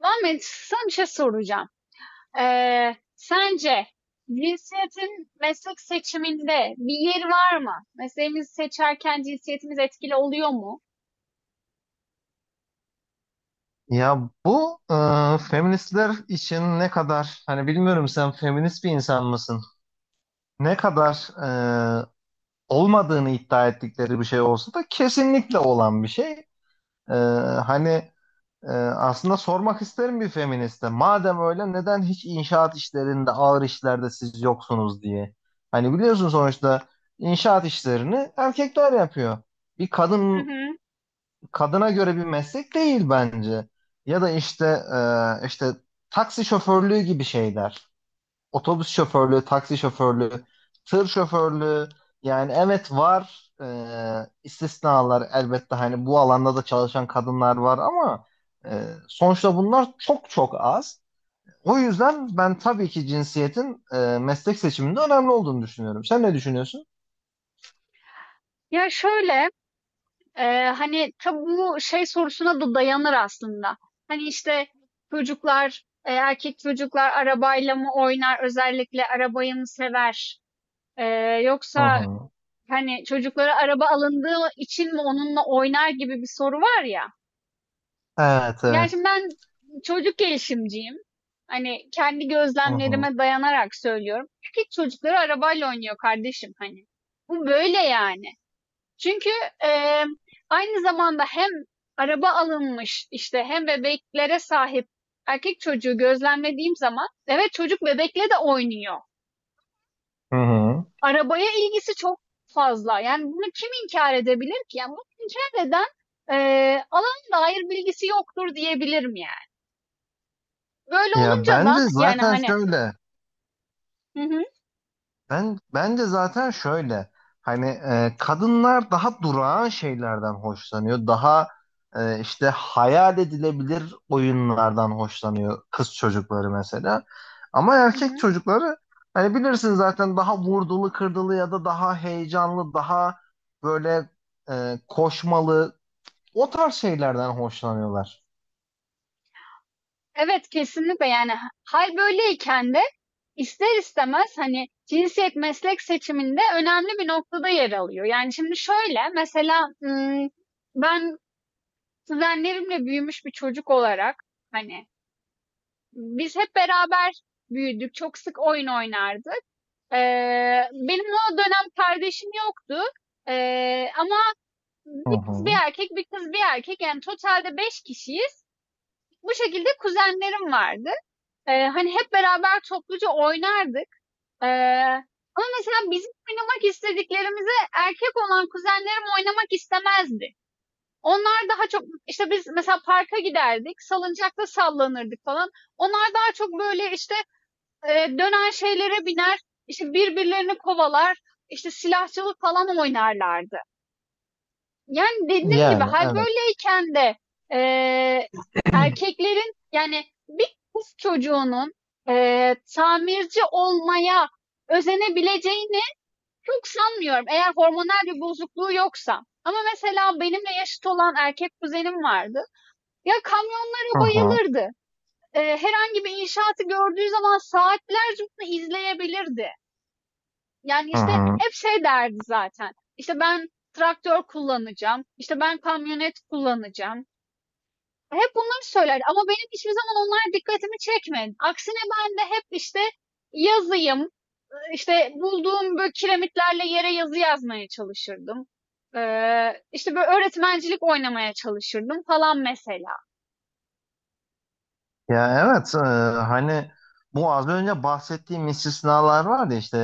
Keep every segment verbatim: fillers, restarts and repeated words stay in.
Muhammed, sana bir şey soracağım. Ee, sence cinsiyetin meslek seçiminde bir yeri var mı? Mesleğimizi seçerken cinsiyetimiz etkili oluyor mu? Ya bu e, feministler için ne kadar hani bilmiyorum, sen feminist bir insan mısın? Ne kadar e, olmadığını iddia ettikleri bir şey olsa da kesinlikle olan bir şey. E, hani, e, aslında sormak isterim bir feministe. Madem öyle neden hiç inşaat işlerinde, ağır işlerde siz yoksunuz diye. Hani biliyorsun, sonuçta inşaat işlerini erkekler yapıyor. Bir Hı kadın hı. Kadına göre bir meslek değil bence. Ya da işte e, işte taksi şoförlüğü gibi şeyler. Otobüs şoförlüğü, taksi şoförlüğü, tır şoförlüğü. Yani evet var, e, istisnalar elbette, hani bu alanda da çalışan kadınlar var, ama e, sonuçta bunlar çok çok az. O yüzden ben tabii ki cinsiyetin e, meslek seçiminde önemli olduğunu düşünüyorum. Sen ne düşünüyorsun? Ya şöyle, e, hani tabii bu şey sorusuna da dayanır aslında. Hani işte çocuklar, e, erkek çocuklar arabayla mı oynar, özellikle arabayı mı sever? E, Hı yoksa hı. hani çocuklara araba alındığı için mi onunla oynar gibi bir soru var ya. Evet, Yani evet. şimdi ben çocuk gelişimciyim. Hani kendi Hı hı. gözlemlerime dayanarak söylüyorum. Erkek çocukları arabayla oynuyor kardeşim hani. Bu böyle yani. Çünkü eee, aynı zamanda hem araba alınmış işte hem bebeklere sahip erkek çocuğu gözlemlediğim zaman evet çocuk bebekle de oynuyor. Hı hı. Arabaya ilgisi çok fazla. Yani bunu kim inkar edebilir ki? Yani bunu inkar eden eee alan dair bilgisi yoktur diyebilirim yani. Böyle Ya olunca da bence yani zaten hani. şöyle. Hı hı. Ben bence zaten şöyle hani e, kadınlar daha durağan şeylerden hoşlanıyor. Daha e, işte hayal edilebilir oyunlardan hoşlanıyor kız çocukları mesela. Ama Hı erkek hı. çocukları hani bilirsin zaten daha vurdulu kırdılı ya da daha heyecanlı, daha böyle e, koşmalı o tarz şeylerden hoşlanıyorlar. Evet kesinlikle yani hal böyleyken de ister istemez hani cinsiyet meslek seçiminde önemli bir noktada yer alıyor. Yani şimdi şöyle mesela ım, ben kuzenlerimle büyümüş bir çocuk olarak hani biz hep beraber büyüdük. Çok sık oyun oynardık. Ee, benim o dönem kardeşim yoktu. Ee, ama Hı bir kız hı. bir erkek, bir kız bir erkek yani totalde beş kişiyiz. Bu şekilde kuzenlerim vardı. Eee, hani hep beraber topluca oynardık. Eee, ama mesela bizim oynamak istediklerimizi erkek olan kuzenlerim oynamak istemezdi. Onlar daha çok işte biz mesela parka giderdik, salıncakta sallanırdık falan. Onlar daha çok böyle işte eee, dönen şeylere biner, işte birbirlerini kovalar, işte silahçılık falan oynarlardı. Yani dediğim gibi Yani hal evet. böyleyken de eee, erkeklerin yani bir kız çocuğunun eee, tamirci olmaya özenebileceğini çok sanmıyorum. Eğer hormonal bir bozukluğu yoksa. Ama mesela benimle yaşıt olan erkek kuzenim vardı. Ya Hı kamyonlara hı. bayılırdı. Eee, herhangi bir inşaatı gördüğü zaman saatlerce bunu izleyebilirdi. Yani, Hı işte, hı. hep şey derdi zaten, İşte ben traktör kullanacağım, İşte ben kamyonet kullanacağım. Hep bunları söylerdi ama benim hiçbir zaman onlar dikkatimi çekmedi. Aksine ben de hep, işte, yazıyım, İşte bulduğum, böyle, kiremitlerle yere yazı yazmaya çalışırdım. Eee, işte, böyle, öğretmencilik oynamaya çalışırdım falan mesela. Ya evet, e, hani bu az önce bahsettiğim istisnalar var ya, işte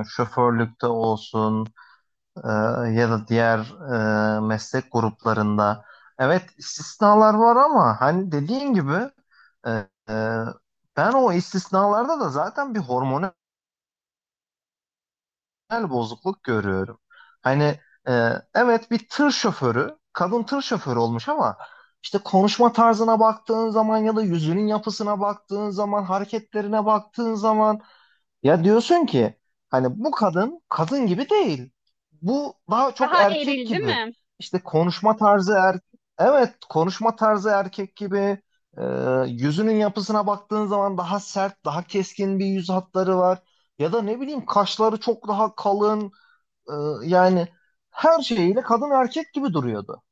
e, şoförlükte olsun, e, ya da diğer e, meslek gruplarında. Evet istisnalar var ama hani dediğin gibi, e, e, ben o istisnalarda da zaten bir hormonal moral bozukluk görüyorum. Hani e, evet, bir tır şoförü, kadın tır şoförü olmuş ama işte konuşma tarzına baktığın zaman ya da yüzünün yapısına baktığın zaman, hareketlerine baktığın zaman ya diyorsun ki hani bu kadın kadın gibi değil. Bu daha çok Daha erkek eril, değil gibi. mi? İşte konuşma tarzı erkek. Evet, konuşma tarzı erkek gibi. Ee, yüzünün yapısına baktığın zaman daha sert, daha keskin bir yüz hatları var. Ya da ne bileyim kaşları çok daha kalın. Ee, yani her şeyiyle kadın erkek gibi duruyordu.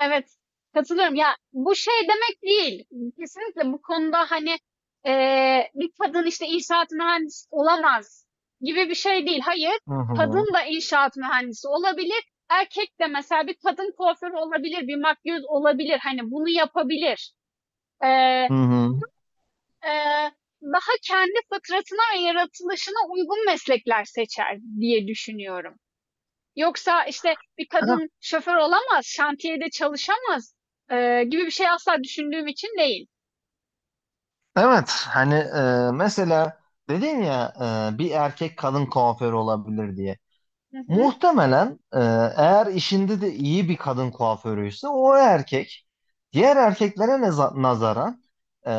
Evet, katılıyorum. Ya bu şey demek değil. Kesinlikle bu konuda hani eee, bir kadın işte inşaat mühendisi olamaz gibi bir şey değil. Hayır, Hı hı. kadın da inşaat mühendisi olabilir. Erkek de mesela bir kadın kuaförü olabilir, bir makyöz olabilir. Hani bunu yapabilir. Eee, Hı hı. eee, daha kendi fıtratına ve yaratılışına uygun meslekler seçer diye düşünüyorum. Yoksa işte bir kadın şoför olamaz, şantiyede çalışamaz eee, gibi bir şey asla düşündüğüm için değil. Evet, hani e, mesela dedin ya, e, bir erkek kadın kuaförü olabilir diye. Hı hı. Muhtemelen e, eğer işinde de iyi bir kadın kuaförüyse o erkek, diğer erkeklere neza- nazaran e,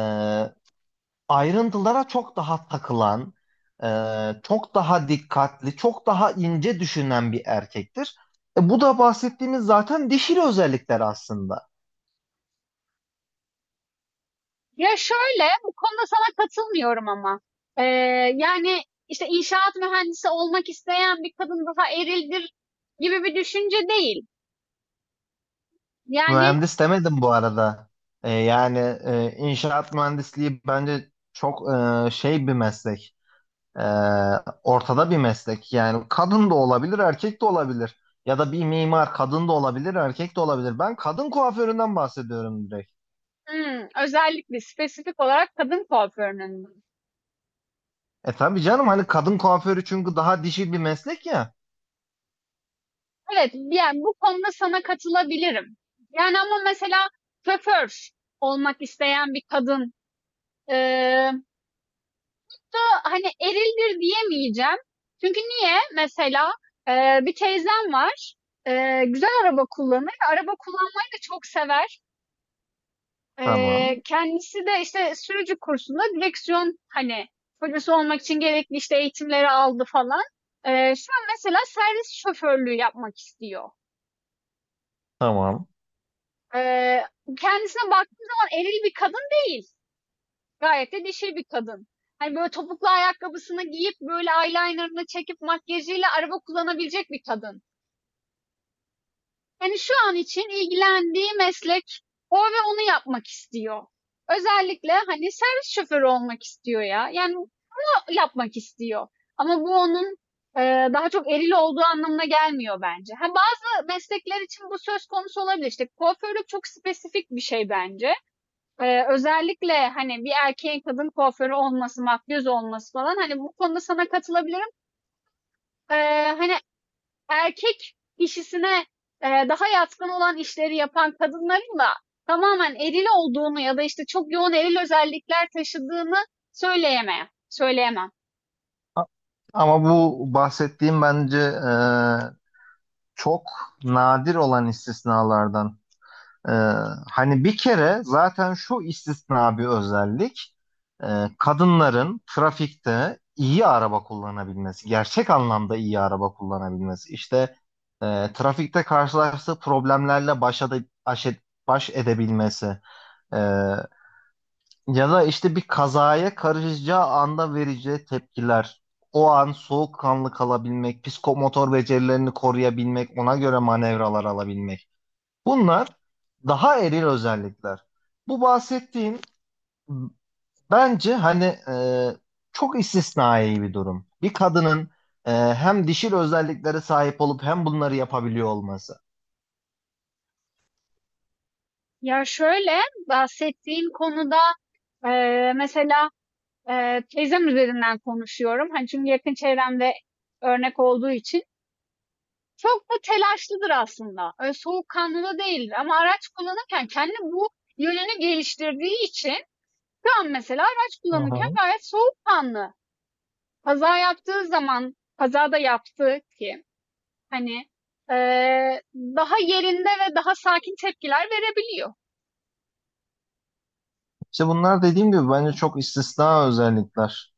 ayrıntılara çok daha takılan, e, çok daha dikkatli, çok daha ince düşünen bir erkektir. E, bu da bahsettiğimiz zaten dişil özellikler aslında. Ya şöyle, bu konuda sana katılmıyorum ama. Eee, yani işte inşaat mühendisi olmak isteyen bir kadın daha erildir gibi bir düşünce değil. Yani Mühendis demedim bu arada. E, yani e, inşaat mühendisliği bence çok e, şey bir meslek. Ee, ortada bir meslek. Yani kadın da olabilir, erkek de olabilir. Ya da bir mimar kadın da olabilir, erkek de olabilir. Ben kadın kuaföründen bahsediyorum direkt. hmm, özellikle spesifik olarak kadın kuaförünün. E tabii canım, hani kadın kuaförü, çünkü daha dişi bir meslek ya. Evet, yani bu konuda sana katılabilirim. Yani ama mesela şoför olmak isteyen bir kadın eee hani erildir diyemeyeceğim. Çünkü niye? Mesela e, bir teyzem var. E, güzel araba kullanır. Araba kullanmayı da çok sever. E, Tamam, kendisi de işte sürücü kursunda direksiyon hani polisi olmak için gerekli işte eğitimleri aldı falan. E, şu an mesela servis şoförlüğü yapmak istiyor. tamam. E, kendisine baktığım zaman eril bir kadın değil. Gayet de dişil bir kadın. Hani, böyle, topuklu ayakkabısını giyip, böyle, eyeliner'ını çekip makyajıyla araba kullanabilecek bir kadın. Hani, şu an için ilgilendiği meslek o ve onu yapmak istiyor. Özellikle, hani, servis şoförü olmak istiyor ya. Yani, bunu yapmak istiyor. Ama bu onun, eee, daha çok eril olduğu anlamına gelmiyor bence. Ha, bazı meslekler için bu söz konusu olabilir. İşte, kuaförlük çok spesifik bir şey bence. Eee, özellikle, hani, bir erkeğin kadın kuaförü olması, makyöz olması falan, hani, bu konuda sana katılabilirim. Eee, hani, erkek kişisine, eee, daha yatkın olan işleri yapan kadınların da tamamen eril olduğunu ya da, işte, çok yoğun eril özellikler taşıdığını söyleyemem söyleyemem. Ama bu bahsettiğim bence e, çok nadir olan istisnalardan. Ee, hani bir kere zaten şu istisna bir özellik, e, kadınların trafikte iyi araba kullanabilmesi, gerçek anlamda iyi araba kullanabilmesi. İşte e, trafikte karşılaştığı problemlerle baş, ede- aş- baş edebilmesi. E, ya da işte bir kazaya karışacağı anda vereceği tepkiler. O an soğukkanlı kalabilmek, psikomotor becerilerini koruyabilmek, ona göre manevralar alabilmek. Bunlar daha eril özellikler. Bu bahsettiğim bence hani e, çok istisnai bir durum. Bir kadının e, hem dişil özelliklere sahip olup hem bunları yapabiliyor olması. Ya, şöyle, bahsettiğin konuda, eee, mesela, eee, teyzem üzerinden konuşuyorum. Hani, çünkü yakın çevremde örnek olduğu için. Çok da telaşlıdır aslında. Öyle soğukkanlı da değildir. Ama araç kullanırken kendi bu yönünü geliştirdiği için şu an mesela araç Hı kullanırken hı. gayet soğukkanlı. Kaza yaptığı zaman, kazada yaptığı ki hani eee, daha yerinde ve daha sakin tepkiler verebiliyor. İşte bunlar dediğim gibi bence çok istisna özellikler.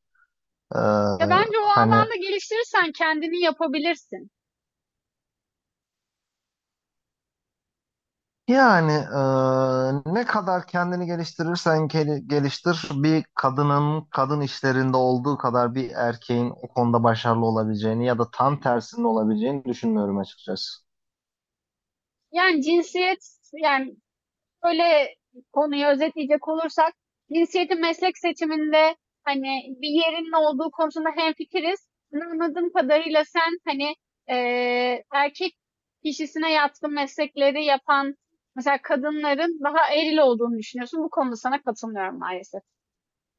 E, Ya bence o hani alanda geliştirirsen kendini yapabilirsin. Yani eee, ne kadar kendini geliştirirsen gel- geliştir, bir kadının kadın işlerinde olduğu kadar bir erkeğin o konuda başarılı olabileceğini ya da tam tersinin olabileceğini düşünmüyorum açıkçası. Yani cinsiyet, yani böyle konuyu özetleyecek olursak cinsiyetin meslek seçiminde hani bir yerinin olduğu konusunda hemfikiriz. Ama anladığım kadarıyla sen hani eee, erkek kişisine yatkın meslekleri yapan mesela kadınların daha eril olduğunu düşünüyorsun. Bu konuda sana katılmıyorum maalesef.